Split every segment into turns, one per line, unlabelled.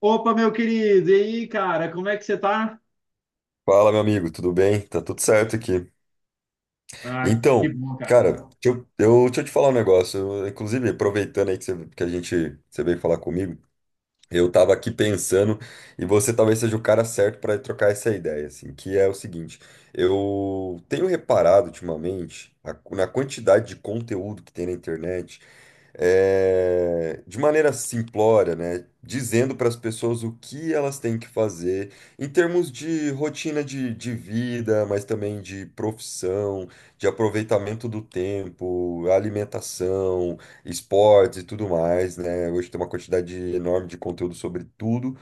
Opa, meu querido, e aí, cara, como é que você tá?
Fala, meu amigo, tudo bem? Tá tudo certo aqui.
Ah, que
Então,
bom, cara.
cara, deixa eu te falar um negócio. Eu, inclusive, aproveitando aí que a gente, você veio falar comigo, eu tava aqui pensando, e você talvez seja o cara certo para trocar essa ideia, assim, que é o seguinte, eu tenho reparado ultimamente na quantidade de conteúdo que tem na internet, de maneira simplória, né, dizendo para as pessoas o que elas têm que fazer em termos de rotina de vida, mas também de profissão, de aproveitamento do tempo, alimentação esportes e tudo mais, né? Hoje tem uma quantidade enorme de conteúdo sobre tudo.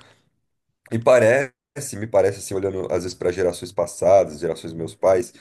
E parece, Me parece assim, olhando às vezes para gerações passadas, gerações dos meus pais,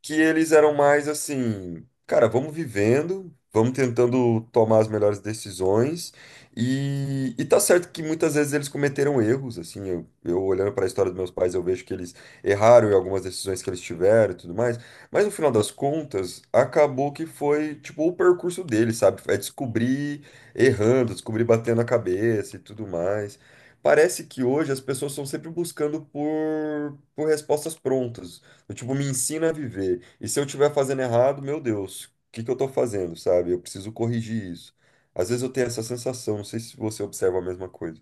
que eles eram mais assim, cara, vamos vivendo, vamos tentando tomar as melhores decisões. E tá certo que muitas vezes eles cometeram erros, assim, eu olhando para a história dos meus pais, eu vejo que eles erraram em algumas decisões que eles tiveram e tudo mais, mas no final das contas, acabou que foi, tipo, o percurso deles, sabe? É descobrir errando, descobrir batendo a cabeça e tudo mais. Parece que hoje as pessoas estão sempre buscando por respostas prontas. Do tipo, me ensina a viver. E se eu estiver fazendo errado, meu Deus, o que que eu tô fazendo, sabe? Eu preciso corrigir isso. Às vezes eu tenho essa sensação, não sei se você observa a mesma coisa.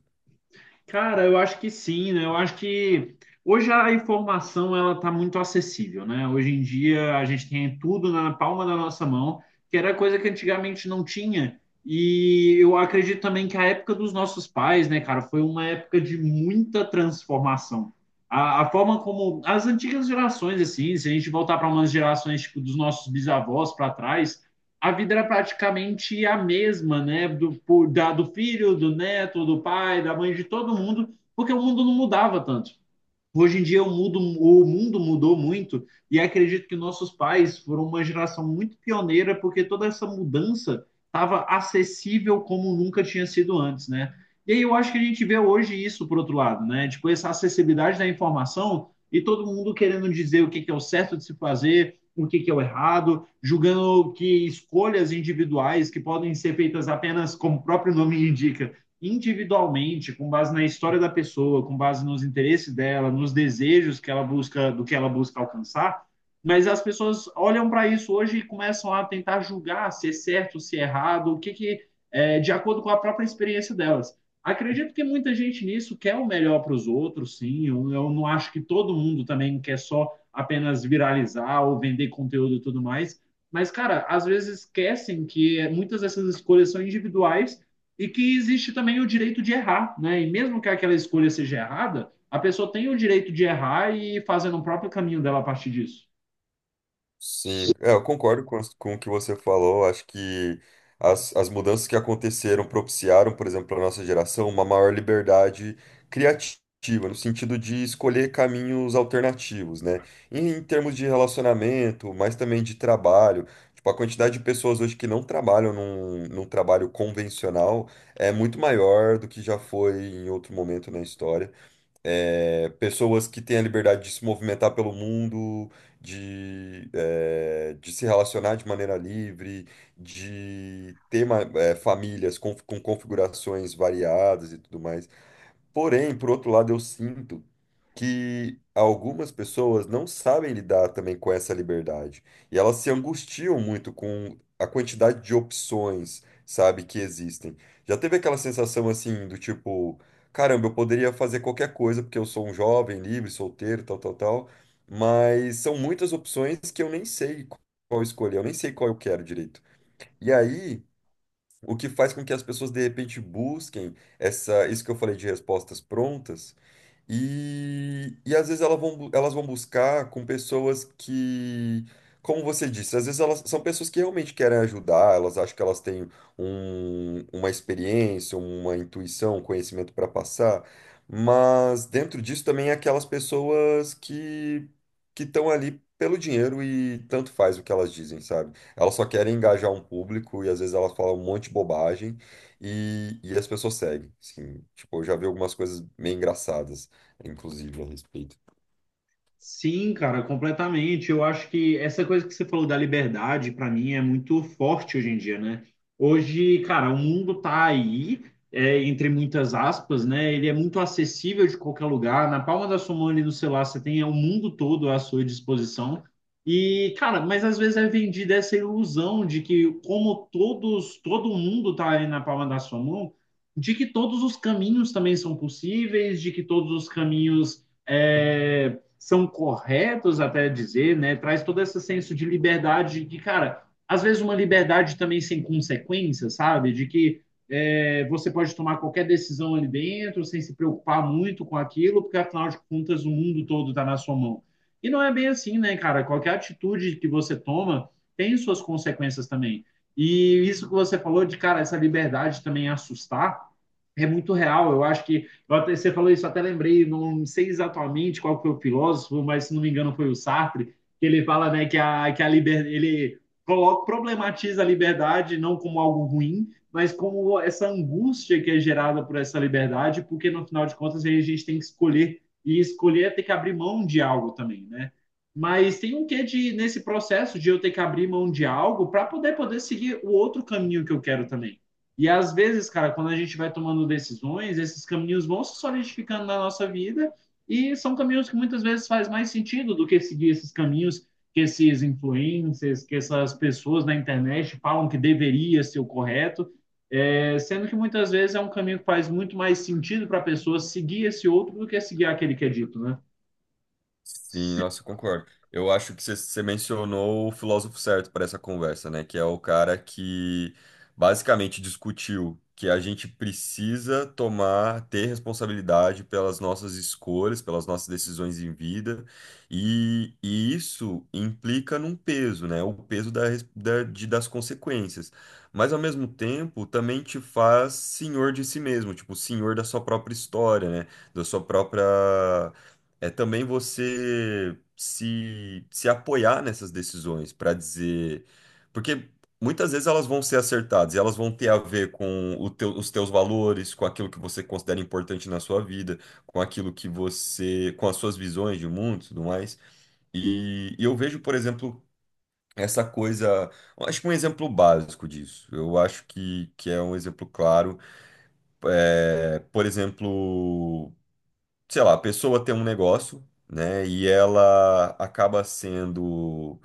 Cara, eu acho que sim, né? Eu acho que hoje a informação ela tá muito acessível, né? Hoje em dia a gente tem tudo na palma da nossa mão, que era coisa que antigamente não tinha. E eu acredito também que a época dos nossos pais, né, cara, foi uma época de muita transformação. A forma como as antigas gerações, assim, se a gente voltar para umas gerações tipo dos nossos bisavós para trás, a vida era praticamente a mesma, né? Do filho, do neto, do pai, da mãe, de todo mundo, porque o mundo não mudava tanto. Hoje em dia o mundo mudou muito e acredito que nossos pais foram uma geração muito pioneira porque toda essa mudança estava acessível como nunca tinha sido antes, né? E aí eu acho que a gente vê hoje isso por outro lado, né? Tipo, essa acessibilidade da informação e todo mundo querendo dizer o que é o certo de se fazer, o que é o errado, julgando que escolhas individuais que podem ser feitas apenas, como o próprio nome indica, individualmente, com base na história da pessoa, com base nos interesses dela, nos desejos que ela busca, do que ela busca alcançar. Mas as pessoas olham para isso hoje e começam a tentar julgar se é certo, se é errado, o que é, de acordo com a própria experiência delas. Acredito que muita gente nisso quer o melhor para os outros, sim. Eu não acho que todo mundo também quer só apenas viralizar ou vender conteúdo e tudo mais. Mas, cara, às vezes esquecem que muitas dessas escolhas são individuais e que existe também o direito de errar, né? E mesmo que aquela escolha seja errada, a pessoa tem o direito de errar e ir fazendo o próprio caminho dela a partir disso.
Sim, é, eu concordo com o que você falou. Acho que as mudanças que aconteceram propiciaram, por exemplo, para nossa geração, uma maior liberdade criativa, no sentido de escolher caminhos alternativos, né? Em termos de relacionamento, mas também de trabalho. Tipo, a quantidade de pessoas hoje que não trabalham num trabalho convencional é muito maior do que já foi em outro momento na história é, pessoas que têm a liberdade de se movimentar pelo mundo, de se relacionar de maneira livre, de ter famílias com configurações variadas e tudo mais. Porém, por outro lado, eu sinto que algumas pessoas não sabem lidar também com essa liberdade. E elas se angustiam muito com a quantidade de opções, sabe, que existem. Já teve aquela sensação assim do tipo, caramba, eu poderia fazer qualquer coisa porque eu sou um jovem, livre, solteiro, tal, tal, tal, mas são muitas opções que eu nem sei qual escolher, eu nem sei qual eu quero direito. E aí, o que faz com que as pessoas de repente busquem essa, isso que eu falei de respostas prontas e às vezes elas vão buscar com pessoas que, como você disse, às vezes elas são pessoas que realmente querem ajudar, elas acham que elas têm uma experiência, uma intuição, um conhecimento para passar, mas dentro disso também é aquelas pessoas que estão ali pelo dinheiro e tanto faz o que elas dizem, sabe? Elas só querem engajar um público e às vezes elas falam um monte de bobagem e as pessoas seguem, assim, tipo, eu já vi algumas coisas meio engraçadas inclusive, a respeito.
Sim, cara, completamente. Eu acho que essa coisa que você falou da liberdade, para mim, é muito forte hoje em dia, né? Hoje, cara, o mundo tá aí, entre muitas aspas, né? Ele é muito acessível de qualquer lugar. Na palma da sua mão ali no celular, você tem o mundo todo à sua disposição. E, cara, mas às vezes é vendida essa ilusão de que, como todos, todo mundo tá ali na palma da sua mão, de que todos os caminhos também são possíveis, de que todos os caminhos. É, são corretos até dizer, né? Traz todo esse senso de liberdade, de cara, às vezes uma liberdade também sem consequência, sabe? De que você pode tomar qualquer decisão ali dentro sem se preocupar muito com aquilo, porque afinal de contas o mundo todo está na sua mão. E não é bem assim, né, cara? Qualquer atitude que você toma tem suas consequências também. E isso que você falou de, cara, essa liberdade também assustar é muito real. Eu acho que você falou isso, até lembrei, não sei exatamente qual foi o filósofo, mas se não me engano foi o Sartre, que ele fala, né, que a liberdade, ele coloca, problematiza a liberdade não como algo ruim, mas como essa angústia que é gerada por essa liberdade, porque no final de contas a gente tem que escolher, e escolher é ter que abrir mão de algo também, né? Mas tem um quê de, nesse processo de eu ter que abrir mão de algo para poder seguir o outro caminho que eu quero também. E às vezes, cara, quando a gente vai tomando decisões, esses caminhos vão se solidificando na nossa vida e são caminhos que muitas vezes faz mais sentido do que seguir esses caminhos que esses influencers, que essas pessoas na internet falam que deveria ser o correto, sendo que muitas vezes é um caminho que faz muito mais sentido para a pessoa seguir esse outro do que seguir aquele que é dito, né?
Sim, nossa, eu concordo. Eu acho que você mencionou o filósofo certo para essa conversa, né? Que é o cara que basicamente discutiu que a gente precisa tomar, ter responsabilidade pelas nossas escolhas, pelas nossas decisões em vida, e isso implica num peso, né? O peso da, res- da- de- das consequências. Mas ao mesmo tempo também te faz senhor de si mesmo, tipo, senhor da sua própria história, né? Da sua própria. É também você se apoiar nessas decisões para dizer. Porque muitas vezes elas vão ser acertadas e elas vão ter a ver com o os teus valores, com aquilo que você considera importante na sua vida, com aquilo que você. Com as suas visões de mundo e tudo mais. E eu vejo, por exemplo. Essa coisa, eu acho que um exemplo básico disso, eu acho que é um exemplo claro, é, por exemplo sei lá, a pessoa tem um negócio, né, e ela acaba sendo,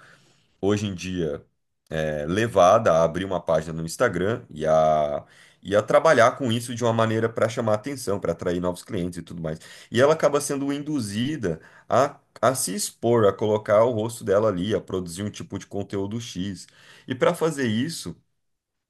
hoje em dia, é, levada a abrir uma página no Instagram e a trabalhar com isso de uma maneira para chamar atenção, para atrair novos clientes e tudo mais. E ela acaba sendo induzida a se expor, a colocar o rosto dela ali, a produzir um tipo de conteúdo X. E para fazer isso,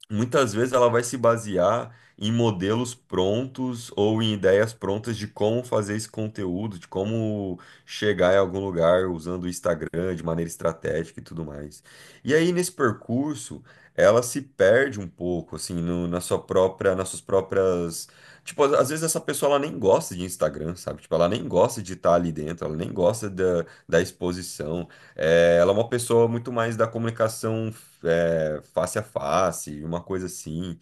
muitas vezes ela vai se basear em modelos prontos ou em ideias prontas de como fazer esse conteúdo, de como chegar em algum lugar usando o Instagram de maneira estratégica e tudo mais. E aí, nesse percurso, ela se perde um pouco, assim, na sua própria, nas suas próprias. Tipo, às vezes essa pessoa ela nem gosta de Instagram, sabe? Tipo, ela nem gosta de estar ali dentro, ela nem gosta da exposição. É, ela é uma pessoa muito mais da comunicação é, face a face, uma coisa assim.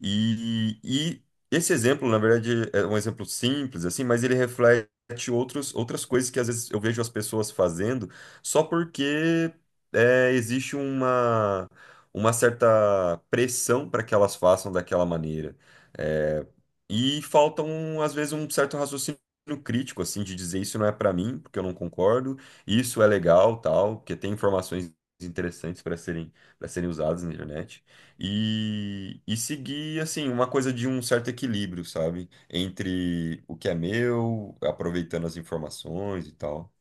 E esse exemplo, na verdade, é um exemplo simples, assim, mas ele reflete outros, outras coisas que às vezes eu vejo as pessoas fazendo só porque é, existe uma certa pressão para que elas façam daquela maneira. É, e falta, um, às vezes, um certo raciocínio crítico, assim, de dizer isso não é para mim, porque eu não concordo isso é legal, tal, porque tem informações interessantes para serem usadas na internet e seguir assim uma coisa de um certo equilíbrio, sabe? Entre o que é meu, aproveitando as informações e tal.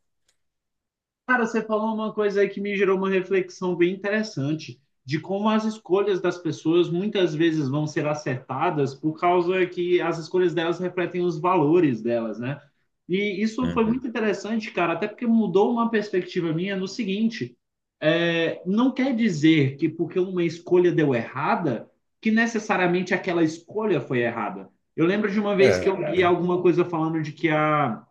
Cara, você falou uma coisa aí que me gerou uma reflexão bem interessante de como as escolhas das pessoas muitas vezes vão ser acertadas por causa que as escolhas delas refletem os valores delas, né? E isso foi
Uhum.
muito interessante, cara, até porque mudou uma perspectiva minha no seguinte: não quer dizer que porque uma escolha deu errada, que necessariamente aquela escolha foi errada. Eu lembro de uma vez que
É.
eu vi
né?
alguma coisa falando de que a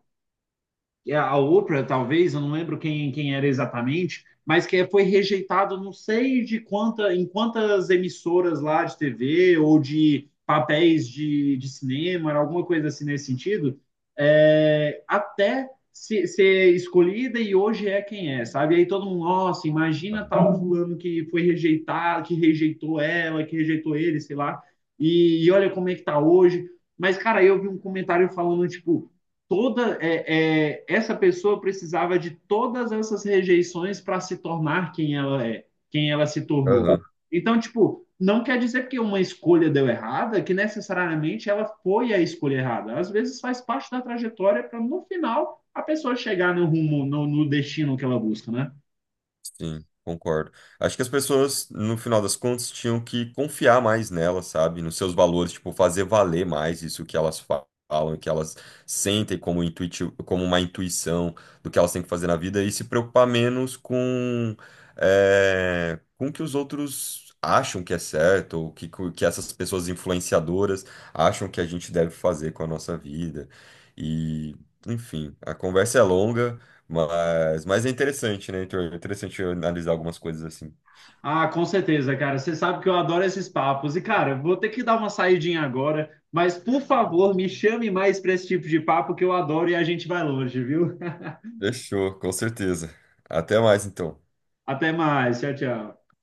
é, a outra, talvez, eu não lembro quem, quem era exatamente, mas que foi rejeitado, não sei de quanta, em quantas emissoras lá de TV ou de papéis de cinema, alguma coisa assim nesse sentido, até ser escolhida e hoje é quem é, sabe? Aí todo mundo, nossa, imagina tal fulano que foi rejeitado, que rejeitou ela, que rejeitou ele, sei lá, e olha como é que tá hoje. Mas, cara, eu vi um comentário falando, tipo, essa pessoa precisava de todas essas rejeições para se tornar quem ela é, quem ela se tornou.
Aham.
Então, tipo, não quer dizer que uma escolha deu errada, que necessariamente ela foi a escolha errada. Às vezes faz parte da trajetória para no final a pessoa chegar no rumo, no destino que ela busca, né?
Sim, concordo. Acho que as pessoas, no final das contas, tinham que confiar mais nelas, sabe? Nos seus valores, tipo, fazer valer mais isso que elas falam, que elas sentem como intuitivo, como uma intuição do que elas têm que fazer na vida e se preocupar menos com o que os outros acham que é certo, ou que essas pessoas influenciadoras acham que a gente deve fazer com a nossa vida. E, enfim, a conversa é longa. Mas é interessante, né, Heitor? É interessante eu analisar algumas coisas assim.
Ah, com certeza, cara. Você sabe que eu adoro esses papos. E, cara, vou ter que dar uma saidinha agora, mas por favor, me chame mais para esse tipo de papo que eu adoro e a gente vai longe, viu?
Fechou, com certeza. Até mais, então.
Até mais. Tchau, tchau.